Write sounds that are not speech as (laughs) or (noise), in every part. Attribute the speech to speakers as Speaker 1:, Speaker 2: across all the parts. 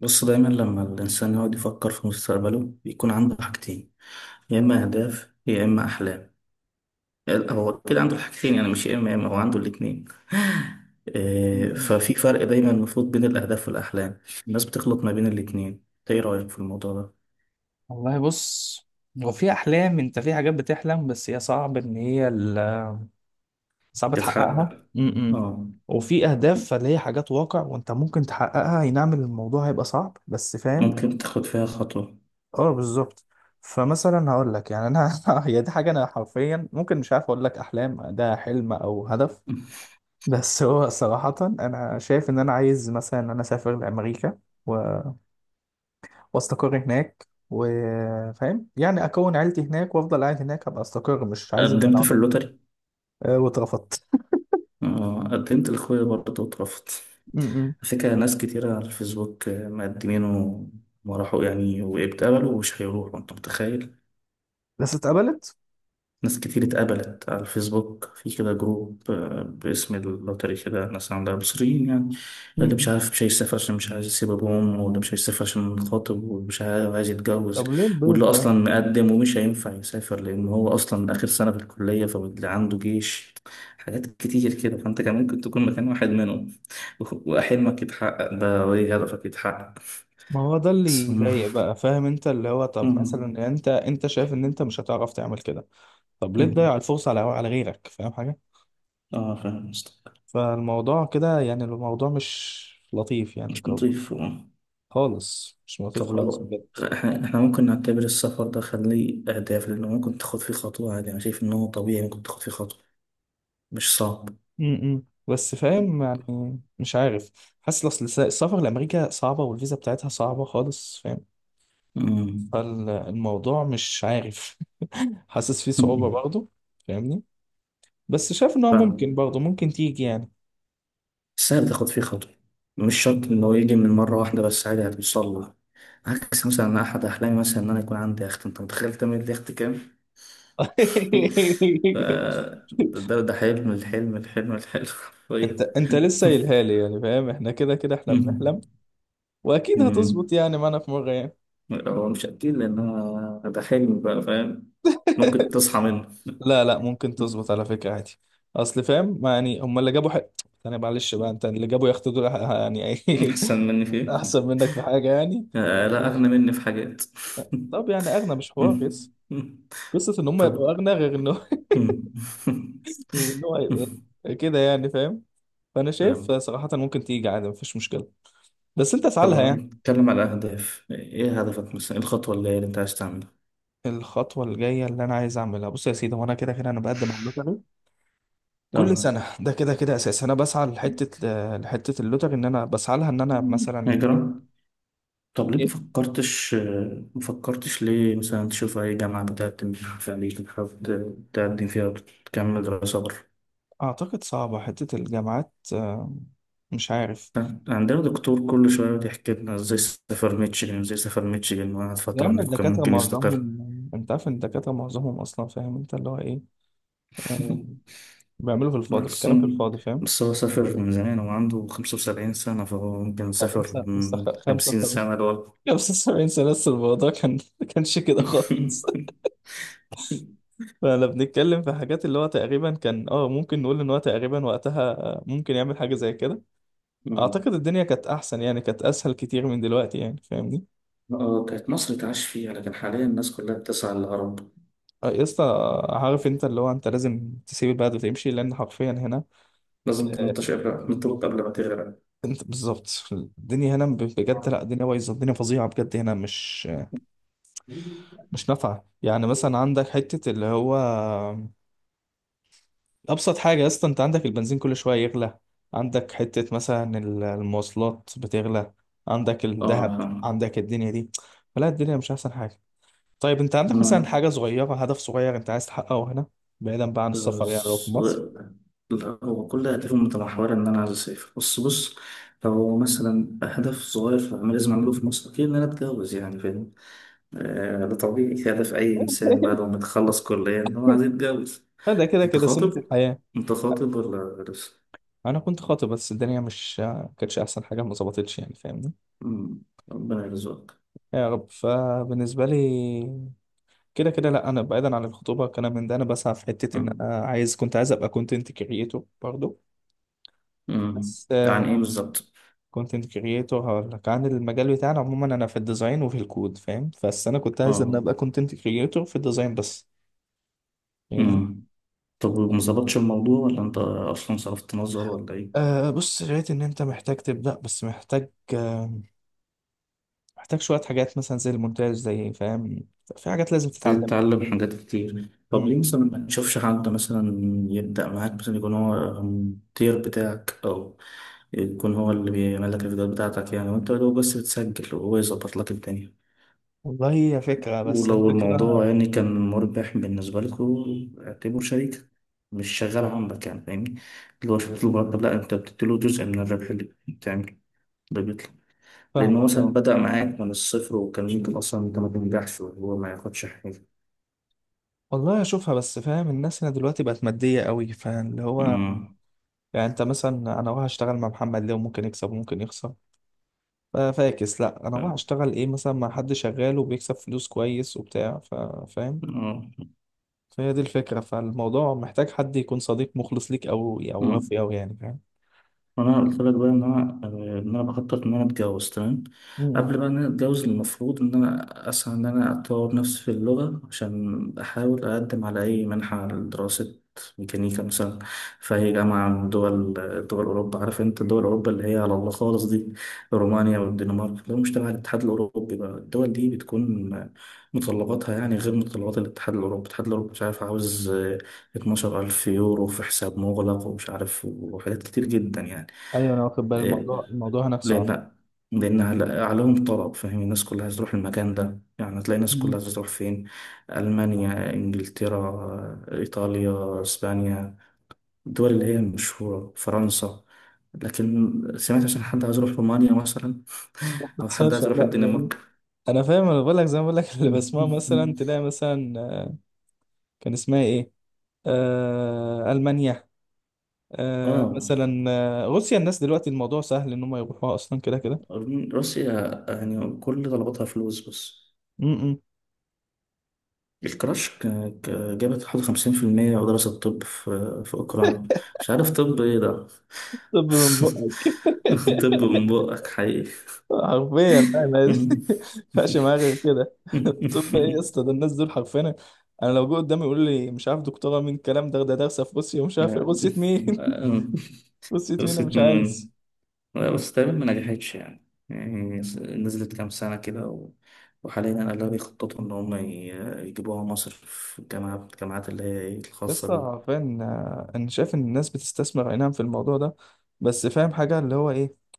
Speaker 1: بص، دايما لما الإنسان يقعد يفكر في مستقبله بيكون عنده حاجتين، يا إما أهداف يا إما أحلام. هو كده عنده الحاجتين، يعني مش يا إما يا إما، هو عنده الاتنين.
Speaker 2: م-م.
Speaker 1: ففي فرق دايما المفروض بين الأهداف والأحلام. الناس بتخلط ما بين الاتنين. إنت إيه رأيك في الموضوع ده؟
Speaker 2: والله بص، هو في احلام، انت في حاجات بتحلم بس هي صعب ان هي صعب تحققها.
Speaker 1: تتحقق.
Speaker 2: م-م.
Speaker 1: آه،
Speaker 2: وفي اهداف، فاللي هي حاجات واقع وانت ممكن تحققها. اي نعم، الموضوع هيبقى صعب بس فاهم.
Speaker 1: ممكن تاخد فيها خطوة.
Speaker 2: اه، بالظبط. فمثلا هقول لك، يعني انا (laughs) هي دي حاجه انا حرفيا ممكن مش عارف اقول لك، احلام ده حلم او هدف.
Speaker 1: (laughs)
Speaker 2: بس هو صراحه انا شايف ان انا عايز مثلا ان انا اسافر لامريكا واستقر هناك، وفاهم يعني اكون عيلتي هناك وافضل قاعد هناك ابقى استقر، مش عايز ان انا
Speaker 1: قدمت في
Speaker 2: اقعد.
Speaker 1: اللوتري.
Speaker 2: أه، واترفضت.
Speaker 1: آه، قدمت لأخويا برضه واترفضت.
Speaker 2: م-
Speaker 1: على فكرة، ناس كتيرة على الفيسبوك مقدمين وما راحوا يعني، واتقبلوا ومش هيروحوا، انت متخيل؟
Speaker 2: بس اتقبلت.
Speaker 1: ناس كتير اتقبلت على الفيسبوك، في كده جروب باسم اللوتري كده، ناس عندها مصريين يعني.
Speaker 2: م-
Speaker 1: اللي مش
Speaker 2: م.
Speaker 1: عارف مش هيسافر عشان مش عايز يسيب ابوهم، واللي مش هيسافر عشان خاطب، واللي مش عايز عايز يتجوز،
Speaker 2: طب ليه
Speaker 1: واللي
Speaker 2: البيض ده؟
Speaker 1: اصلا مقدم ومش هينفع يسافر لان هو اصلا اخر سنة في الكلية، فاللي عنده جيش، حاجات كتير كده. فانت كان ممكن تكون مكان واحد منهم. (laughs) وحلمك يتحقق ده، وايه هدفك يتحقق
Speaker 2: ما هو ده اللي
Speaker 1: سمو.
Speaker 2: يضايق بقى، فاهم؟ انت اللي هو، طب
Speaker 1: أمم.
Speaker 2: مثلا انت شايف ان انت مش هتعرف تعمل كده. طب ليه
Speaker 1: أمم.
Speaker 2: تضيع الفرصة على غيرك؟ فاهم حاجة؟
Speaker 1: اه، فاهم قصدك.
Speaker 2: فالموضوع كده يعني، الموضوع مش لطيف يعني كده،
Speaker 1: نضيف، آه.
Speaker 2: خالص مش لطيف
Speaker 1: طب
Speaker 2: خالص
Speaker 1: لو
Speaker 2: بجد.
Speaker 1: احنا ممكن نعتبر السفر ده خليه اهداف، لانه ممكن تاخد فيه خطوة عادي. انا شايف ان هو طبيعي، ممكن تاخد فيه خطوة، مش صعب.
Speaker 2: م- م. بس فاهم، يعني مش عارف، حاسس، اصل السفر لامريكا صعبه، والفيزا بتاعتها صعبه خالص، فاهم؟
Speaker 1: أمم.
Speaker 2: فالموضوع مش عارف (laughs) حاسس فيه صعوبه
Speaker 1: أمم.
Speaker 2: برضه، فاهمني؟ بس شايف ان هو
Speaker 1: فاهم.
Speaker 2: ممكن برضه، ممكن تيجي يعني.
Speaker 1: (laughs) سهل تاخد فيه خطوة. مش شرط ان هو يجي من مرة واحدة، بس عادي هتوصل له. عكس مثلا، أنا احد احلامي مثلا ان انا يكون عندي يخت. انت متخيل تعمل لي يخت كام؟ (laughs) ف-
Speaker 2: (laughs)
Speaker 1: ده حلم. الحلم الحلم الحلم (laughs)
Speaker 2: انت
Speaker 1: حرفيا.
Speaker 2: انت لسه قايلها لي يعني، فاهم؟ احنا كده كده احنا بنحلم،
Speaker 1: (laughs)
Speaker 2: واكيد
Speaker 1: مم.
Speaker 2: هتظبط يعني معانا في مره يعني.
Speaker 1: هو مش أكيد، لأن أنا ده حلم بقى، فاهم. ممكن
Speaker 2: (laughs)
Speaker 1: تصحى منه.
Speaker 2: لا لا، ممكن تظبط على فكرة عادي، اصل فاهم، ما يعني هم اللي جابوا حق. انا معلش بقى، انت اللي جابوا، ياخدوا دول يعني.
Speaker 1: (laughs) أحسن مني في
Speaker 2: (laughs)
Speaker 1: إيه؟
Speaker 2: احسن منك في حاجه يعني.
Speaker 1: آه، لا،
Speaker 2: معلش.
Speaker 1: أغنى مني في حاجات. (laughs)
Speaker 2: طب يعني اغنى مش حوار، بس قصه ان هم
Speaker 1: طب
Speaker 2: يبقوا اغنى غير ان هو (laughs) غير ان هو يبقى إيه، كده يعني، فاهم؟ فانا
Speaker 1: طب
Speaker 2: شايف
Speaker 1: (laughs)
Speaker 2: صراحه ممكن تيجي عادي مفيش مشكله، بس انت اسعى
Speaker 1: طب
Speaker 2: لها
Speaker 1: لو
Speaker 2: يعني.
Speaker 1: نتكلم على أهداف، إيه هدفك مثلا؟ إيه الخطوة اللي أنت عايز تعملها؟
Speaker 2: الخطوه الجايه اللي انا عايز اعملها، بص يا سيدي، وانا كده كده انا بقدم على اللوتري كل
Speaker 1: طب
Speaker 2: سنه. ده كده كده اساس انا بسعى لحته، لحته اللوتري، ان انا بسعى لها ان انا مثلا.
Speaker 1: هجرة. طب ليه
Speaker 2: إيه؟
Speaker 1: مفكرتش؟ مفكرتش ليه مثلا تشوف أي جامعة بتقدم في أمريكا حابب تقدم فيها وتكمل دراسة بره؟
Speaker 2: اعتقد صعبه حته الجامعات، مش عارف.
Speaker 1: كان عندنا دكتور كل شوية يقعد يحكي لنا ازاي سافر ميتشيغن، ازاي سافر ميتشيغن، وقعد
Speaker 2: يا
Speaker 1: فترة
Speaker 2: عم
Speaker 1: هناك وكان
Speaker 2: الدكاترة
Speaker 1: ممكن يستقر.
Speaker 2: معظمهم، انت عارف ان الدكاترة معظمهم اصلا، فاهم انت اللي هو ايه، آه،
Speaker 1: (laughs)
Speaker 2: بيعملوا في
Speaker 1: لا
Speaker 2: الفاضي، بيتكلم في
Speaker 1: أصلا،
Speaker 2: الفاضي، فاهم؟
Speaker 1: بس هو سافر من زمان، هو عنده 75 سنة، فهو ممكن
Speaker 2: طب
Speaker 1: سافر
Speaker 2: لسه لسه
Speaker 1: من خمسين
Speaker 2: 75،
Speaker 1: سنة لورا.
Speaker 2: 75 سنة لسه الموضوع كان (laughs) ما كانش كده خالص.
Speaker 1: (laughs)
Speaker 2: (laughs) فانا بنتكلم في حاجات اللي هو تقريبا كان، ممكن نقول ان هو تقريبا وقتها، ممكن يعمل حاجة زي كده.
Speaker 1: مم.
Speaker 2: اعتقد الدنيا كانت احسن يعني، كانت اسهل كتير من دلوقتي يعني، فاهمني؟
Speaker 1: اه، كانت مصر تعيش فيها، لكن حاليا الناس كلها بتسعى للهرب.
Speaker 2: آه، يا اسطى، عارف انت اللي هو انت لازم تسيب البلد وتمشي، لان حرفيا هنا
Speaker 1: لازم تنطش، قبل تنطلق قبل ما تغرق.
Speaker 2: انت بالظبط الدنيا هنا
Speaker 1: (laughs)
Speaker 2: بجد.
Speaker 1: اه،
Speaker 2: لا الدنيا بايظه، الدنيا فظيعه بجد، هنا مش نافعه يعني. مثلا عندك حته اللي هو ابسط حاجه يا اسطى، انت عندك البنزين كل شويه يغلى، عندك حته مثلا المواصلات بتغلى، عندك الذهب،
Speaker 1: فاهم.
Speaker 2: عندك الدنيا دي، فلا الدنيا مش احسن حاجه. طيب انت عندك مثلا
Speaker 1: انا،
Speaker 2: حاجه صغيره، هدف صغير انت عايز تحققه هنا، بعيدا بقى عن
Speaker 1: آه،
Speaker 2: السفر، يعني لو في مصر.
Speaker 1: لا، هو كل أهدافه متمحورة إن أنا عايز أسافر. بس بص، لو مثلا هدف صغير في لازم أعمله في مصر، أكيد إن أنا أتجوز يعني، فاهم. آه، ده طبيعي. (laughs) هدف أي إنسان بعد ما يتخلص كلية إن هو عايز يتجوز.
Speaker 2: لا، ده كده
Speaker 1: أنت
Speaker 2: كده سنه
Speaker 1: خاطب؟
Speaker 2: الحياه.
Speaker 1: أنت خاطب ولا لسه؟
Speaker 2: انا كنت خاطب، بس الدنيا مش كانتش احسن حاجه، ما ظبطتش يعني، فاهم؟
Speaker 1: مم، ربنا يرزقك.
Speaker 2: يا رب. فبالنسبة لي كده كده، لا أنا بعيدا عن الخطوبة والكلام من ده، أنا بسعى في حتة، إن
Speaker 1: مم،
Speaker 2: أنا عايز، كنت عايز أبقى كونتنت كريتور برضو.
Speaker 1: مم.
Speaker 2: بس
Speaker 1: يعني إيه بالظبط؟
Speaker 2: كونتنت كريتور، هقول لك عن المجال بتاعنا عموما، أنا في الديزاين وفي الكود فاهم، بس أنا كنت عايز إن
Speaker 1: أه.
Speaker 2: أبقى كونتنت كريتور في الديزاين بس، فاهمني؟
Speaker 1: مم. طب ما ظبطش الموضوع، ولا أنت أصلا صرفت نظر، ولا إيه؟
Speaker 2: أه بص، لقيت إن أنت محتاج تبدأ، بس محتاج محتاج شوية حاجات مثلا زي المونتاج، زي فاهم، في حاجات لازم
Speaker 1: تبتدي
Speaker 2: تتعلمها.
Speaker 1: تتعلم حاجات كتير. طب
Speaker 2: مم.
Speaker 1: ليه مثلا ما تشوفش حد مثلا يبدأ معاك، مثلا يكون هو المدير بتاعك، أو يكون هو اللي بيعمل لك الفيديوهات بتاعتك يعني، وأنت لو بس بتسجل وهو يظبط لك الدنيا.
Speaker 2: والله هي فكرة، بس
Speaker 1: ولو الموضوع
Speaker 2: الفكرة.
Speaker 1: يعني كان مربح بالنسبة لكم، اعتبره شريك، مش شغال عندك يعني، فاهمني. اللي هو شفت له مرتب، لا، أنت بتديله جزء من الربح اللي بتعمله، اللي بيطلع، لأنه
Speaker 2: فاهمك
Speaker 1: مثلا
Speaker 2: اه.
Speaker 1: بدأ معاك من الصفر، وكان ممكن أصلا أنت ما تنجحش وهو ما ياخدش حاجة.
Speaker 2: والله اشوفها، بس فاهم الناس هنا دلوقتي بقت ماديه قوي، فاللي هو
Speaker 1: أمم.
Speaker 2: يعني انت مثلا، انا رايح اشتغل مع محمد ليه؟ وممكن يكسب وممكن يخسر. فاكس، لا انا رايح اشتغل ايه مثلا مع حد شغال وبيكسب فلوس كويس وبتاع، فاهم؟
Speaker 1: آه.
Speaker 2: فهي دي الفكره، فالموضوع محتاج حد يكون صديق مخلص ليك، او
Speaker 1: مم.
Speaker 2: وفي او يعني، فاهم؟
Speaker 1: انا قلت لك بقى ان انا بخطط ان انا اتجوز، تمام.
Speaker 2: م- م.
Speaker 1: قبل بقى ان انا اتجوز، المفروض ان انا اسعى ان انا اطور نفسي في اللغه، عشان احاول اقدم على اي منحه لدراسه ميكانيكا مثلا، في اي جامعه من دول اوروبا. عارف انت دول اوروبا اللي هي على الله خالص دي، رومانيا والدنمارك، لو مش تبع الاتحاد الاوروبي بقى، الدول دي بتكون متطلباتها يعني غير متطلبات الاتحاد الاوروبي. الاتحاد الاوروبي مش عارف، عاوز 12,000 يورو في حساب مغلق، ومش عارف، وحاجات كتير جدا يعني.
Speaker 2: ايوه، انا واخد بالي
Speaker 1: إيه،
Speaker 2: الموضوع، هناك صعب.
Speaker 1: لأن لأن عليهم طلب، فاهم. الناس كلها عايزة تروح المكان ده يعني، هتلاقي
Speaker 2: م-
Speaker 1: الناس كلها
Speaker 2: م.
Speaker 1: عايزة تروح فين؟ ألمانيا، إنجلترا، إيطاليا، إسبانيا، الدول اللي هي المشهورة، فرنسا. لكن سمعت عشان حد عايز يروح رومانيا مثلا،
Speaker 2: ما
Speaker 1: أو حد
Speaker 2: بتحصلش
Speaker 1: عايز يروح
Speaker 2: لا يعني.
Speaker 1: الدنمارك؟
Speaker 2: انا فاهم، انا بقول لك زي ما بقول لك (laughs) اللي بسمعه مثلا،
Speaker 1: (laughs)
Speaker 2: تلاقي مثلا، آه، كان اسمها ايه، آه، المانيا. آه
Speaker 1: آه،
Speaker 2: مثلا، آه، روسيا الناس دلوقتي الموضوع سهل ان هم يروحوها اصلا كده كده.
Speaker 1: روسيا، يعني كل طلباتها فلوس بس.
Speaker 2: م- م.
Speaker 1: الكراش جابت حوالي 50%، ودراسة الطب في أوكرانيا. مش عارف طب إيه ده.
Speaker 2: طب من بقك.
Speaker 1: (laughs) طب من بقك حقيقي.
Speaker 2: حرفيا لا، ما (laughs) ما
Speaker 1: (laughs)
Speaker 2: ينفعش معايا غير كده. طب ايه يا اسطى، ده الناس دول حرفيا. انا لو جه قدامي يقول لي مش عارف دكتوره مين الكلام ده دارسه في روسيا ومش عارف إيه. روسيا مين؟ (laughs) روسيا مين، انا
Speaker 1: خلصت
Speaker 2: مش
Speaker 1: من،
Speaker 2: عايز.
Speaker 1: لا، بس تقريبا ما نجحتش يعني، نزلت كام سنة كده و. وحاليا أنا، لا، بيخططوا إن هم يجيبوها مصر في الجامعات، اللي هي إيه،
Speaker 2: يا اسطى
Speaker 1: الخاصة.
Speaker 2: حرفيا، آه، انا شايف ان الناس بتستثمر اي نعم في الموضوع ده، بس فاهم حاجه اللي هو ايه.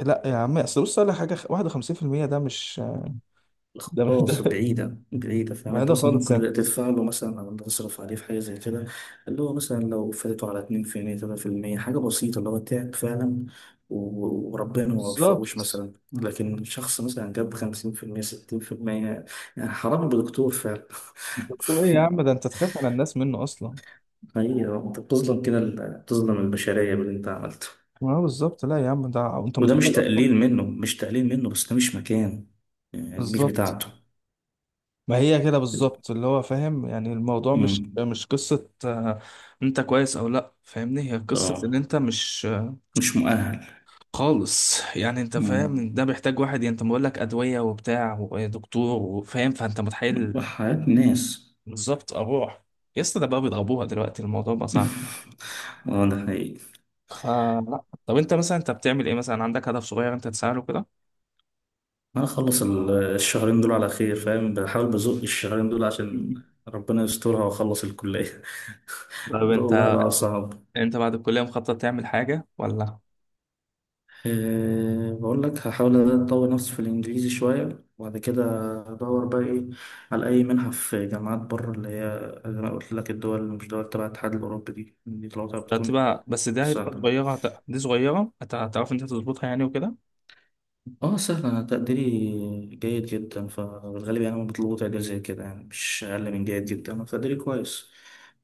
Speaker 2: لا يا عم، اصل بص على حاجه 51% ده مش ده
Speaker 1: خلاص بعيدة، بعيدة، فاهم. انت
Speaker 2: (laughs)
Speaker 1: مثلا
Speaker 2: خالص
Speaker 1: ممكن
Speaker 2: يعني.
Speaker 1: تدفع له مثلا، او تصرف عليه في حاجة زي كده، اللي هو مثلا لو فاتته على 2%، 3%، حاجة بسيطة، اللي هو تعب فعلا وربنا ما وفقوش
Speaker 2: بالظبط.
Speaker 1: مثلا، لكن شخص مثلا جاب 50%، 60%. يعني حرام بدكتور فعلا. (laughs)
Speaker 2: دكتور ايه يا عم؟ ده انت تخاف على الناس منه اصلا.
Speaker 1: حقيقة انت بتظلم كده، بتظلم البشرية باللي انت عملته.
Speaker 2: ما هو بالظبط، لا يا عم ده انت
Speaker 1: وده
Speaker 2: متخيل
Speaker 1: مش
Speaker 2: اصلا.
Speaker 1: تقليل منه، مش تقليل منه، بس ده مش مكانه، يعني مش
Speaker 2: بالظبط.
Speaker 1: بتاعته.
Speaker 2: ما هي كده بالظبط اللي هو، فاهم يعني؟ الموضوع مش
Speaker 1: مم.
Speaker 2: مش قصة، آه، انت كويس او لا، فاهمني؟ هي قصة ان
Speaker 1: اه،
Speaker 2: انت مش، آه،
Speaker 1: مش مؤهل.
Speaker 2: خالص يعني. انت
Speaker 1: مم.
Speaker 2: فاهم، ده محتاج واحد يعني، انت بقول لك ادوية وبتاع ودكتور وفاهم، فانت متخيل؟
Speaker 1: وحياة ناس.
Speaker 2: بالظبط. اروح. يا اسطى ده بقى بيضربوها دلوقتي، الموضوع بقى صعب.
Speaker 1: (laughs) اه، ده حقيقي.
Speaker 2: فلا، طب انت مثلا، انت بتعمل ايه مثلا؟ عندك هدف صغير انت تسعى له كده؟
Speaker 1: انا اخلص الشهرين دول على خير، فاهم. بحاول بزق الشهرين دول
Speaker 2: م-
Speaker 1: عشان
Speaker 2: م.
Speaker 1: ربنا يسترها واخلص الكلية. (laughs)
Speaker 2: طب
Speaker 1: وده
Speaker 2: انت
Speaker 1: والله بقى صعب.
Speaker 2: انت بعد الكلية مخطط تعمل حاجة ولا؟
Speaker 1: أه، بقول لك هحاول اطور نفسي في الانجليزي شوية، وبعد كده ادور بقى، ايه، على اي منحة في جامعات بره، اللي هي زي ما قلت لك، الدول اللي مش دول تبع الاتحاد الاوروبي دي طلعتها بتكون
Speaker 2: هتبقى بس ده، هتبقى
Speaker 1: سهلة.
Speaker 2: صغيرة، دي صغيرة، هتعرف انت تظبطها يعني وكده.
Speaker 1: اه سهل. انا تقديري جيد جدا، فبالغالب يعني انا بطلبه تقدير زي كده يعني، مش اقل من جيد جدا. انا تقديري كويس،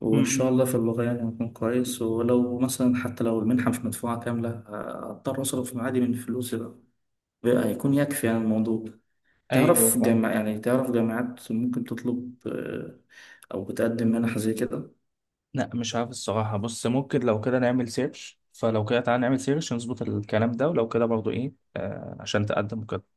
Speaker 1: وان شاء
Speaker 2: امم.
Speaker 1: الله في اللغه يعني هكون كويس، ولو مثلا، حتى لو المنحه مش مدفوعه كامله، هضطر اصرف معادي من فلوسي بقى، بقى هيكون يكفي يعني الموضوع.
Speaker 2: ايوه،
Speaker 1: تعرف
Speaker 2: فاهم.
Speaker 1: جامعة يعني، تعرف جامعات ممكن تطلب، او بتقدم منح زي كده
Speaker 2: لا مش عارف الصراحة، بص ممكن لو كده نعمل سيرش، فلو كده تعالى نعمل سيرش نظبط الكلام ده، ولو كده برضو ايه، آه عشان تقدم وكده.